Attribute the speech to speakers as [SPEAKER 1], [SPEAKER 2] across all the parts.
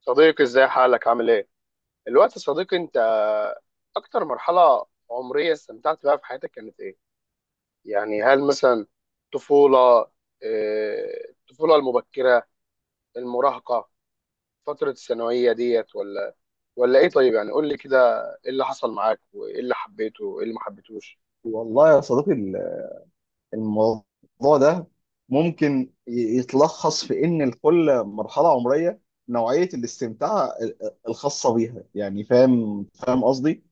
[SPEAKER 1] صديقي، ازاي حالك؟ عامل ايه؟ الوقت يا صديقي انت. اكتر مرحلة عمرية استمتعت بها في حياتك كانت ايه؟ يعني هل مثلا طفولة، الطفولة المبكرة، المراهقة، فترة الثانوية ديت، ولا ايه؟ طيب يعني قول لي كده. ايه اللي حصل معاك وايه اللي حبيته وايه اللي ما حبيتهوش؟
[SPEAKER 2] والله يا صديقي، الموضوع ده ممكن يتلخص في ان لكل مرحله عمريه نوعيه الاستمتاع الخاصه بيها. يعني فاهم قصدي.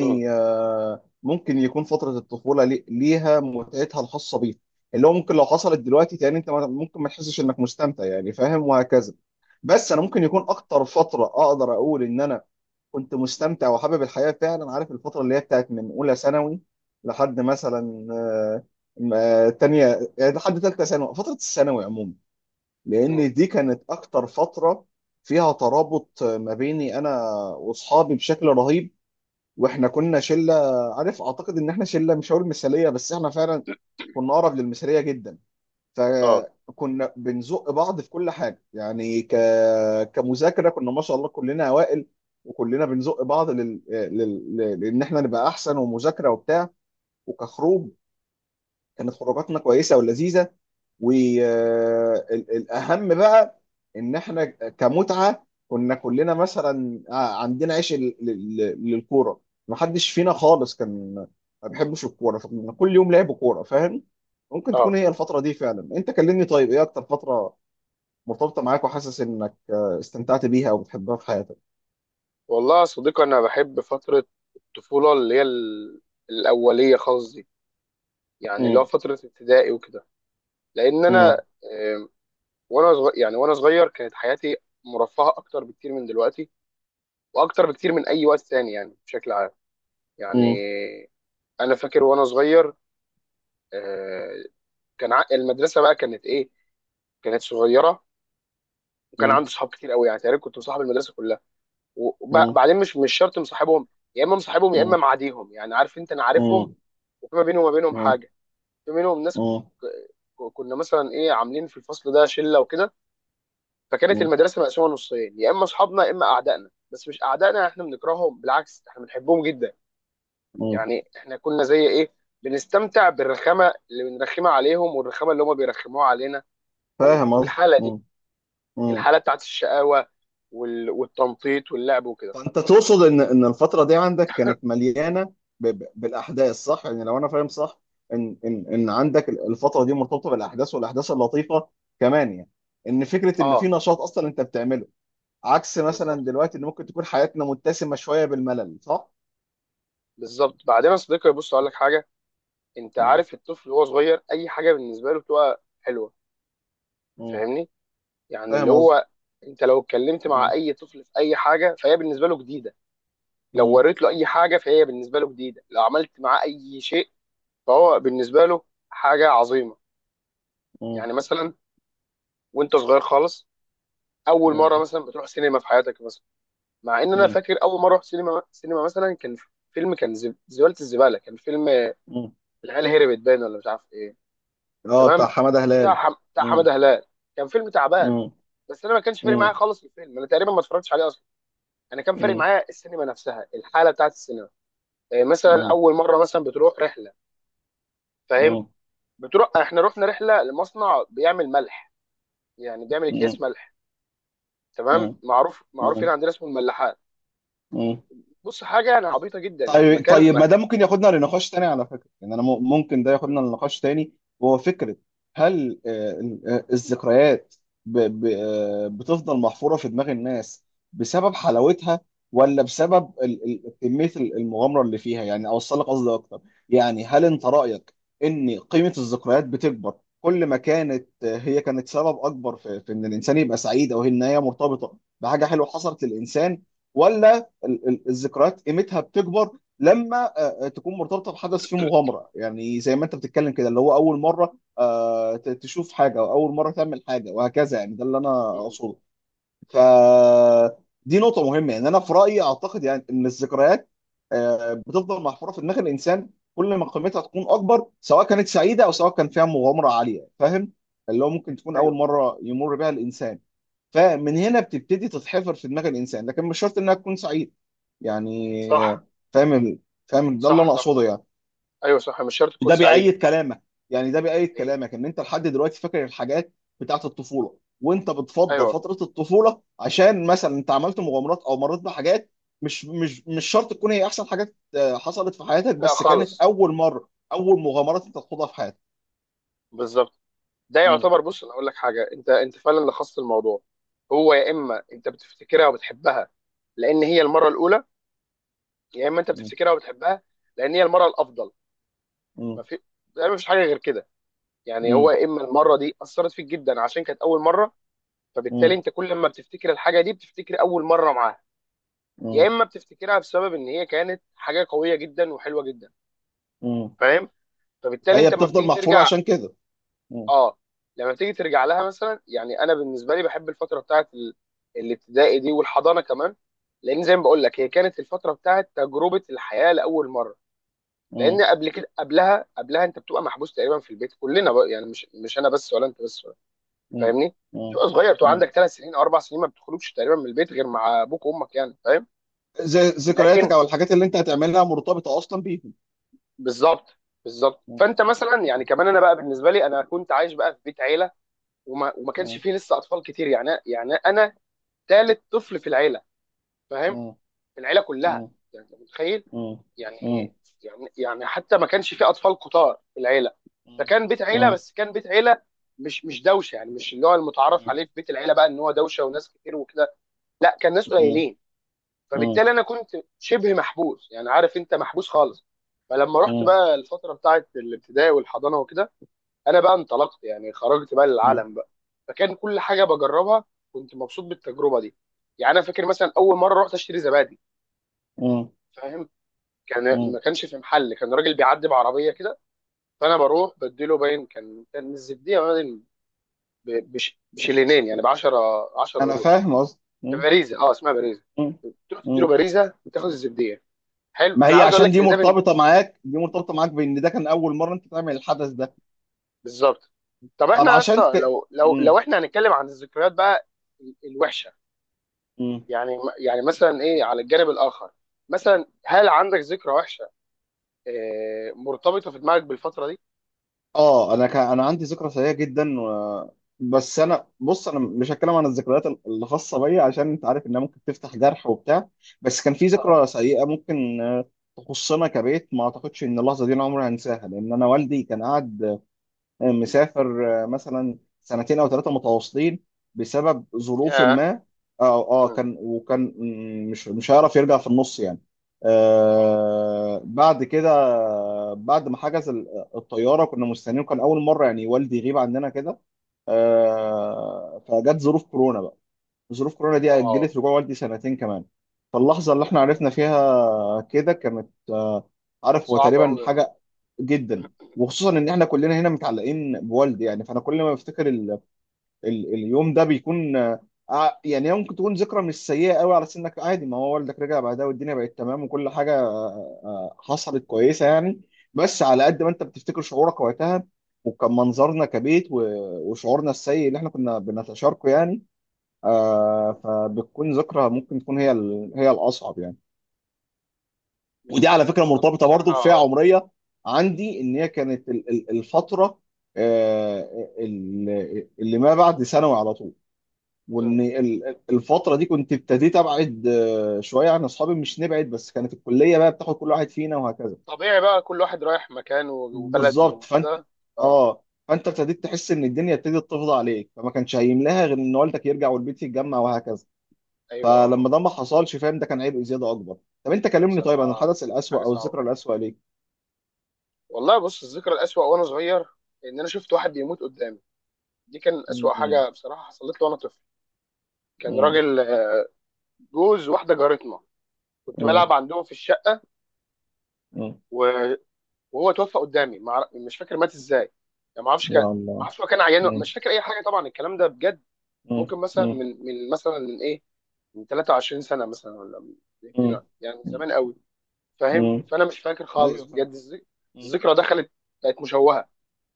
[SPEAKER 1] مم،
[SPEAKER 2] ممكن يكون فتره الطفوله ليها متعتها الخاصه بيها. اللي هو ممكن لو حصلت دلوقتي تاني انت ممكن ما تحسش انك مستمتع، يعني فاهم، وهكذا. بس انا ممكن يكون اكتر فتره اقدر اقول ان انا كنت مستمتع وحابب الحياة فعلا، عارف، الفترة اللي هي بتاعت من أولى ثانوي لحد مثلا تانية، يعني لحد تالتة ثانوي، فترة الثانوي عموما.
[SPEAKER 1] مم،
[SPEAKER 2] لأن دي كانت أكتر فترة فيها ترابط ما بيني أنا وأصحابي بشكل رهيب، وإحنا كنا شلة. عارف، أعتقد إن إحنا شلة مش هقول مثالية بس إحنا فعلا كنا أقرب للمثالية جدا.
[SPEAKER 1] اه،
[SPEAKER 2] فكنا بنزق بعض في كل حاجه، يعني كمذاكره كنا ما شاء الله كلنا اوائل، وكلنا بنزق بعض لان احنا نبقى احسن ومذاكره وبتاع. وكخروج كانت خروجاتنا كويسه ولذيذه. والاهم بقى ان احنا كمتعه كنا كلنا مثلا عندنا عيش للكوره، ما حدش فينا خالص كان ما بيحبش الكوره، فكنا كل يوم لعب كوره، فاهم. ممكن تكون
[SPEAKER 1] اه،
[SPEAKER 2] هي الفتره دي فعلا. انت كلمني، طيب، ايه اكتر فتره مرتبطه معاك وحاسس انك استمتعت بيها او بتحبها في حياتك؟
[SPEAKER 1] والله يا صديقي انا بحب فترة الطفولة اللي هي الأولية خالص دي، يعني اللي هو
[SPEAKER 2] مم.
[SPEAKER 1] فترة ابتدائي وكده. لأن أنا
[SPEAKER 2] مم.
[SPEAKER 1] آه، وانا صغير، يعني وانا صغير كانت حياتي مرفهه اكتر بكتير من دلوقتي، واكتر بكتير من اي وقت تاني يعني بشكل عام. يعني
[SPEAKER 2] مم.
[SPEAKER 1] انا فاكر وانا صغير، آه، كان المدرسه بقى كانت ايه، كانت صغيره. وكان
[SPEAKER 2] مم.
[SPEAKER 1] عندي صحاب كتير قوي، يعني تقريبا كنت مصاحب المدرسه كلها.
[SPEAKER 2] مم.
[SPEAKER 1] وبعدين مش شرط مصاحبهم، يا اما مصاحبهم يا اما معاديهم، يعني عارف انت، انا عارفهم.
[SPEAKER 2] مم.
[SPEAKER 1] وفي ما بيني وما بينهم
[SPEAKER 2] مم.
[SPEAKER 1] حاجه، في منهم ناس
[SPEAKER 2] مم. مم.
[SPEAKER 1] كنا مثلا ايه عاملين في الفصل ده شله وكده. فكانت المدرسه مقسومه نصين، يا اما اصحابنا يا اما اعدائنا، بس مش اعدائنا احنا بنكرههم، بالعكس احنا بنحبهم جدا. يعني احنا كنا زي ايه، بنستمتع بالرخامه اللي بنرخمها عليهم والرخامه اللي هم بيرخموها علينا.
[SPEAKER 2] فاهم قصدي.
[SPEAKER 1] والحاله دي،
[SPEAKER 2] مم.
[SPEAKER 1] الحاله بتاعت الشقاوه والتنطيط واللعب وكده.
[SPEAKER 2] فانت تقصد ان الفتره دي عندك كانت مليانه بالاحداث، صح؟ يعني لو انا فاهم صح، ان عندك الفتره دي مرتبطه بالاحداث، والاحداث اللطيفه كمان، يعني ان فكره ان في
[SPEAKER 1] اه،
[SPEAKER 2] نشاط اصلا انت بتعمله، عكس مثلا
[SPEAKER 1] بالظبط،
[SPEAKER 2] دلوقتي ان ممكن تكون حياتنا متسمه شويه بالملل، صح؟
[SPEAKER 1] بالظبط. بعدين يا صديقي، بص اقول لك حاجه. انت
[SPEAKER 2] مم.
[SPEAKER 1] عارف الطفل وهو صغير اي حاجه بالنسبه له بتبقى حلوه،
[SPEAKER 2] مم.
[SPEAKER 1] فاهمني؟ يعني اللي
[SPEAKER 2] فاهم قصدي.
[SPEAKER 1] هو انت لو اتكلمت مع
[SPEAKER 2] مم.
[SPEAKER 1] اي طفل في اي حاجه فهي بالنسبه له جديده. لو
[SPEAKER 2] مم.
[SPEAKER 1] وريت له اي حاجه فهي بالنسبه له جديده. لو عملت معاه اي شيء فهو بالنسبه له حاجه عظيمه.
[SPEAKER 2] مم.
[SPEAKER 1] يعني مثلا وانت صغير خالص، اول مره
[SPEAKER 2] مم.
[SPEAKER 1] مثلا بتروح سينما في حياتك مثلا. مع ان انا
[SPEAKER 2] مم.
[SPEAKER 1] فاكر اول مره رحت سينما سينما مثلا، كان فيلم، كان زباله، الزباله كان فيلم
[SPEAKER 2] مم.
[SPEAKER 1] العيال هربت باين، ولا مش عارف ايه.
[SPEAKER 2] اه، بتاع
[SPEAKER 1] تمام.
[SPEAKER 2] حماده هلال.
[SPEAKER 1] بتاع
[SPEAKER 2] مم.
[SPEAKER 1] حماده هلال. كان فيلم تعبان،
[SPEAKER 2] مم.
[SPEAKER 1] بس انا ما كانش فارق معايا
[SPEAKER 2] مم.
[SPEAKER 1] خالص الفيلم، انا تقريبا ما اتفرجتش عليه اصلا. انا كان فارق
[SPEAKER 2] مم.
[SPEAKER 1] معايا السينما نفسها، الحاله بتاعت السينما. إيه، مثلا
[SPEAKER 2] مم.
[SPEAKER 1] اول مره مثلا بتروح رحله، فاهم؟
[SPEAKER 2] مم.
[SPEAKER 1] بتروح، احنا رحنا رحله لمصنع بيعمل ملح، يعني بيعمل اكياس
[SPEAKER 2] مم.
[SPEAKER 1] ملح. تمام. معروف، معروف
[SPEAKER 2] مم.
[SPEAKER 1] هنا عندنا اسمه الملاحات.
[SPEAKER 2] مم.
[SPEAKER 1] بص حاجه يعني عبيطه جدا، يعني
[SPEAKER 2] طيب،
[SPEAKER 1] مكان
[SPEAKER 2] طيب، ما ده ممكن ياخدنا لنقاش تاني على فكرة. يعني انا ممكن ده
[SPEAKER 1] مم.
[SPEAKER 2] ياخدنا لنقاش تاني، وهو فكرة. هل الذكريات بتفضل محفورة في دماغ الناس بسبب حلاوتها، ولا بسبب كمية المغامرة اللي فيها؟ يعني اوصل لك قصدي اكتر. يعني هل انت رأيك ان قيمة الذكريات بتكبر كل ما كانت هي كانت سبب اكبر في ان الانسان يبقى سعيد، او ان هي مرتبطة بحاجة حلوة حصلت للانسان؟ ولا الذكريات قيمتها بتكبر لما تكون مرتبطه بحدث فيه مغامره، يعني زي ما انت بتتكلم كده، اللي هو اول مره تشوف حاجه او اول مره تعمل حاجه وهكذا، يعني ده اللي انا
[SPEAKER 1] مم.
[SPEAKER 2] اقصده. ف دي نقطه مهمه، يعني انا في رايي اعتقد، يعني ان الذكريات بتفضل محفوره في دماغ الانسان كل ما قيمتها تكون اكبر، سواء كانت سعيده او سواء كان فيها مغامره عاليه، فاهم. اللي هو ممكن تكون اول
[SPEAKER 1] ايوه،
[SPEAKER 2] مره يمر بها الانسان، فمن هنا بتبتدي تتحفر في دماغ الانسان، لكن مش شرط انها تكون سعيده، يعني.
[SPEAKER 1] صح،
[SPEAKER 2] فاهم ال- فاهم، ده اللي
[SPEAKER 1] صح،
[SPEAKER 2] انا
[SPEAKER 1] صح،
[SPEAKER 2] اقصده، يعني.
[SPEAKER 1] ايوه، صح، مش شرط تكون
[SPEAKER 2] ده
[SPEAKER 1] سعيده.
[SPEAKER 2] بيأيد كلامك ده بيأيد
[SPEAKER 1] إيه؟
[SPEAKER 2] كلامك ان انت لحد دلوقتي فاكر الحاجات بتاعت الطفوله، وانت بتفضل
[SPEAKER 1] ايوه.
[SPEAKER 2] فتره الطفوله عشان مثلا انت عملت مغامرات او مريت بحاجات. مش شرط تكون هي احسن حاجات حصلت في حياتك،
[SPEAKER 1] لا
[SPEAKER 2] بس كانت
[SPEAKER 1] خالص.
[SPEAKER 2] اول مره، اول مغامرات انت تخوضها في حياتك.
[SPEAKER 1] بالظبط. ده
[SPEAKER 2] مم.
[SPEAKER 1] يعتبر، بص انا اقول لك حاجه، انت انت فعلا لخصت الموضوع. هو يا اما انت بتفتكرها وبتحبها لان هي المره الاولى، يا اما انت
[SPEAKER 2] مم.
[SPEAKER 1] بتفتكرها وبتحبها لان هي المره الافضل. ما
[SPEAKER 2] مم.
[SPEAKER 1] في، يعني مفيش حاجه غير كده. يعني هو
[SPEAKER 2] مم.
[SPEAKER 1] يا اما المره دي اثرت فيك جدا عشان كانت اول مره، فبالتالي
[SPEAKER 2] مم.
[SPEAKER 1] انت كل ما بتفتكر الحاجه دي بتفتكر اول مره معاها. يا
[SPEAKER 2] مم.
[SPEAKER 1] اما بتفتكرها بسبب ان هي كانت حاجه قويه جدا وحلوه جدا،
[SPEAKER 2] مم.
[SPEAKER 1] فاهم؟ فبالتالي
[SPEAKER 2] فهي
[SPEAKER 1] انت لما
[SPEAKER 2] بتفضل
[SPEAKER 1] بتيجي
[SPEAKER 2] محفوره
[SPEAKER 1] ترجع،
[SPEAKER 2] عشان كده. مم.
[SPEAKER 1] اه، لما بتيجي ترجع لها مثلا يعني. انا بالنسبه لي بحب الفتره بتاعت الابتدائي دي والحضانه كمان. لان زي ما بقول لك هي كانت الفتره بتاعت تجربه الحياه لاول مره. لان
[SPEAKER 2] مم.
[SPEAKER 1] قبل كده، قبلها انت بتبقى محبوس تقريبا في البيت. كلنا بقى يعني، مش انا بس ولا انت بس، فاهمني؟
[SPEAKER 2] مم.
[SPEAKER 1] تبقى صغير، تبقى
[SPEAKER 2] مم.
[SPEAKER 1] عندك 3 سنين او 4 سنين، ما بتخرجش تقريبا من البيت غير مع ابوك وامك، يعني فاهم.
[SPEAKER 2] ز- ذكرياتك
[SPEAKER 1] لكن
[SPEAKER 2] او الحاجات اللي انت هتعملها مرتبطه اصلا بيهم.
[SPEAKER 1] بالظبط، بالظبط.
[SPEAKER 2] م-
[SPEAKER 1] فانت مثلا، يعني كمان انا بقى بالنسبه لي انا كنت عايش بقى في بيت عيله، وما كانش
[SPEAKER 2] م-
[SPEAKER 1] فيه لسه اطفال كتير، يعني يعني انا ثالث طفل في العيله، فاهم.
[SPEAKER 2] م-
[SPEAKER 1] في العيله كلها.
[SPEAKER 2] م-
[SPEAKER 1] يعني أنت متخيل،
[SPEAKER 2] م- م-
[SPEAKER 1] يعني يعني حتى ما كانش فيه اطفال كتار في العيله. فكان بيت
[SPEAKER 2] م-
[SPEAKER 1] عيله،
[SPEAKER 2] م-
[SPEAKER 1] بس كان بيت عيله مش دوشه. يعني مش اللي هو المتعارف عليه في بيت العيله بقى ان هو دوشه وناس كتير وكده، لا كان ناس
[SPEAKER 2] م-
[SPEAKER 1] قليلين. فبالتالي انا كنت شبه محبوس، يعني عارف انت، محبوس خالص. فلما رحت
[SPEAKER 2] م-
[SPEAKER 1] بقى الفتره بتاعه الابتدائي والحضانه وكده، انا بقى انطلقت، يعني خرجت بقى
[SPEAKER 2] م-
[SPEAKER 1] للعالم بقى. فكان كل حاجه بجربها، كنت مبسوط بالتجربه دي. يعني انا فاكر مثلا اول مره رحت اشتري زبادي،
[SPEAKER 2] م-
[SPEAKER 1] فاهم. كان
[SPEAKER 2] م.
[SPEAKER 1] ما كانش في محل، كان راجل بيعدي بعربيه كده، فانا بروح بديله باين، كان الزبديه باين بشلينين، يعني ب 10، 10
[SPEAKER 2] انا
[SPEAKER 1] قروش.
[SPEAKER 2] فاهم قصدي.
[SPEAKER 1] كان باريزه، اسمها باريزه،
[SPEAKER 2] م-
[SPEAKER 1] تروح تديله
[SPEAKER 2] م.
[SPEAKER 1] باريزه وتاخد الزبديه. حلو.
[SPEAKER 2] ما
[SPEAKER 1] انا
[SPEAKER 2] هي
[SPEAKER 1] عاوز اقول
[SPEAKER 2] عشان
[SPEAKER 1] لك ان ده من،
[SPEAKER 2] دي مرتبطه معاك بان ده كان اول مره انت تعمل الحدث ده.
[SPEAKER 1] بالظبط. طب
[SPEAKER 2] طب
[SPEAKER 1] احنا يا
[SPEAKER 2] عشان
[SPEAKER 1] اسطى، لو
[SPEAKER 2] م-
[SPEAKER 1] احنا هنتكلم عن الذكريات بقى الوحشه،
[SPEAKER 2] م.
[SPEAKER 1] يعني، مثلا ايه على الجانب الاخر، مثلا هل عندك ذكرى وحشه اه مرتبطه في دماغك بالفتره دي؟
[SPEAKER 2] اه، انا عندي ذكرى سيئه جدا. بس انا، بص، انا مش هتكلم عن الذكريات الخاصه بيا عشان انت عارف انها ممكن تفتح جرح وبتاع. بس كان في
[SPEAKER 1] اه،
[SPEAKER 2] ذكرى سيئه ممكن تخصنا كبيت، ما اعتقدش ان اللحظه دي انا عمري هنساها. لان انا والدي كان قاعد مسافر مثلا سنتين او 3 متواصلين بسبب ظروف
[SPEAKER 1] يا،
[SPEAKER 2] ما. اه، اه،
[SPEAKER 1] مم،
[SPEAKER 2] وكان مش هيعرف يرجع في النص، يعني.
[SPEAKER 1] اه،
[SPEAKER 2] بعد كده، بعد ما حجز الطياره كنا مستنيين، كان اول مره يعني والدي يغيب عندنا كده. فجت ظروف كورونا بقى. ظروف كورونا دي
[SPEAKER 1] اه،
[SPEAKER 2] اجلت رجوع والدي سنتين كمان. فاللحظه اللي
[SPEAKER 1] لا
[SPEAKER 2] احنا
[SPEAKER 1] حول ولا
[SPEAKER 2] عرفنا
[SPEAKER 1] قوه الا بالله.
[SPEAKER 2] فيها كده كانت عارف، هو
[SPEAKER 1] صعب
[SPEAKER 2] تقريبا
[SPEAKER 1] قوي، اه.
[SPEAKER 2] حاجه جدا. وخصوصا ان احنا كلنا هنا متعلقين بوالدي، يعني. فانا كل ما بفتكر اليوم ده بيكون يعني هي ممكن تكون ذكرى مش سيئه قوي على سنك عادي، ما هو والدك رجع بعدها والدنيا بقت تمام وكل حاجه حصلت كويسه، يعني. بس على
[SPEAKER 1] مم.
[SPEAKER 2] قد ما انت بتفتكر شعورك وقتها، وكان منظرنا كبيت وشعورنا السيء اللي احنا كنا بنتشاركه، يعني.
[SPEAKER 1] مم.
[SPEAKER 2] فبتكون ذكرى، ممكن تكون هي هي الاصعب، يعني. ودي
[SPEAKER 1] بز-
[SPEAKER 2] على فكره
[SPEAKER 1] بالظبط.
[SPEAKER 2] مرتبطه برضو بفئه
[SPEAKER 1] بصراحه.
[SPEAKER 2] عمريه عندي، ان هي كانت الفتره آه، اللي ما بعد ثانوي على طول.
[SPEAKER 1] مم.
[SPEAKER 2] وان الفتره دي كنت ابتديت ابعد شويه عن اصحابي، مش نبعد، بس كانت الكليه بقى بتاخد كل واحد فينا وهكذا.
[SPEAKER 1] طبيعي بقى، كل واحد رايح مكان وبلد
[SPEAKER 2] بالظبط.
[SPEAKER 1] وكده. اه.
[SPEAKER 2] فانت ابتديت تحس ان الدنيا ابتدت تفضى عليك، فما كانش هيملاها غير ان والدك يرجع والبيت يتجمع وهكذا.
[SPEAKER 1] ايوه، اه.
[SPEAKER 2] فلما ده ما حصلش، فاهم، ده كان عيب زياده اكبر. طب، انت
[SPEAKER 1] لا،
[SPEAKER 2] كلمني، طيب، عن
[SPEAKER 1] بصراحه
[SPEAKER 2] الحدث الاسوأ
[SPEAKER 1] حاجه
[SPEAKER 2] او
[SPEAKER 1] صعبه.
[SPEAKER 2] الذكرى الاسوأ ليك.
[SPEAKER 1] والله، بص، الذكرى الأسوأ وأنا صغير إن أنا شفت واحد بيموت قدامي. دي كان أسوأ
[SPEAKER 2] مم.
[SPEAKER 1] حاجة بصراحة حصلت لي وأنا طفل. كان
[SPEAKER 2] مم.
[SPEAKER 1] راجل، جوز واحدة جارتنا، كنت
[SPEAKER 2] مم.
[SPEAKER 1] بلعب عندهم في الشقة.
[SPEAKER 2] مم.
[SPEAKER 1] و- وهو توفى قدامي. ما أعرف- مش فاكر مات إزاي، يعني ما أعرفش.
[SPEAKER 2] يا الله.
[SPEAKER 1] هو كان عيان
[SPEAKER 2] مم.
[SPEAKER 1] مش فاكر أي حاجة. طبعا الكلام ده بجد
[SPEAKER 2] مم.
[SPEAKER 1] ممكن مثلا
[SPEAKER 2] مم.
[SPEAKER 1] من مثلا من إيه، من 23 سنة مثلا، ولا من 2.
[SPEAKER 2] مم.
[SPEAKER 1] يعني من زمان قوي، فاهم.
[SPEAKER 2] مم.
[SPEAKER 1] فأنا مش فاكر خالص
[SPEAKER 2] ايوه، فاهم.
[SPEAKER 1] بجد
[SPEAKER 2] مم.
[SPEAKER 1] الذكرى، دخلت بقت مشوهة.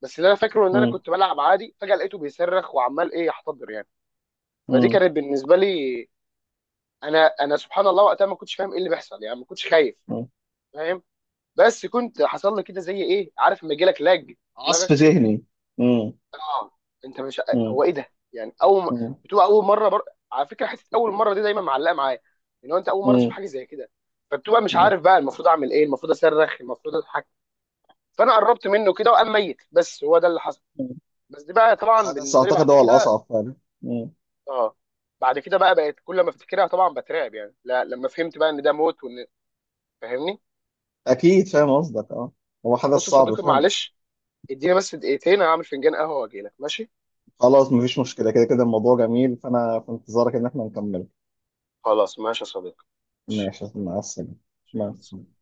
[SPEAKER 1] بس اللي انا فاكره ان انا
[SPEAKER 2] مم.
[SPEAKER 1] كنت بلعب عادي، فجاه لقيته بيصرخ وعمال ايه يحتضر يعني. فدي
[SPEAKER 2] مم.
[SPEAKER 1] كانت بالنسبه لي، انا سبحان الله وقتها ما كنتش فاهم ايه اللي بيحصل، يعني ما كنتش خايف،
[SPEAKER 2] مم.
[SPEAKER 1] فاهم. بس كنت حصل لي كده زي ايه، عارف لما يجي لك لاج في
[SPEAKER 2] عصف
[SPEAKER 1] دماغك؟
[SPEAKER 2] ذهني. مم.
[SPEAKER 1] اه. انت مش، هو
[SPEAKER 2] مم.
[SPEAKER 1] ايه ده، يعني اول
[SPEAKER 2] مم.
[SPEAKER 1] بتبقى اول مره على فكره، حته اول مره دي دايما معلقه معايا، ان هو انت اول مره تشوف
[SPEAKER 2] مم.
[SPEAKER 1] حاجه زي كده، فبتبقى مش
[SPEAKER 2] مم.
[SPEAKER 1] عارف بقى المفروض اعمل ايه، المفروض اصرخ، المفروض اضحك. فانا قربت منه كده وقام ميت، بس هو ده اللي حصل. بس دي بقى طبعا
[SPEAKER 2] حدث
[SPEAKER 1] بالنسبه لي
[SPEAKER 2] اعتقد
[SPEAKER 1] بعد
[SPEAKER 2] هو
[SPEAKER 1] كده،
[SPEAKER 2] الاصعب فعلا. مم.
[SPEAKER 1] اه، بعد كده بقى بقت كل ما افتكرها طبعا بترعب، يعني لا لما فهمت بقى ان ده موت وان، فاهمني.
[SPEAKER 2] اكيد فاهم قصدك، اه، هو حدث
[SPEAKER 1] بص يا
[SPEAKER 2] صعب
[SPEAKER 1] صديقي،
[SPEAKER 2] فعلا.
[SPEAKER 1] معلش، اديني بس دقيقتين هعمل فنجان قهوه واجي لك، ماشي.
[SPEAKER 2] خلاص، مفيش مشكله. كده كده الموضوع جميل، فانا في انتظارك ان احنا نكمل.
[SPEAKER 1] خلاص، ماشي يا صديقي.
[SPEAKER 2] ماشي، مع السلامه، مع
[SPEAKER 1] ماشي.
[SPEAKER 2] السلامه.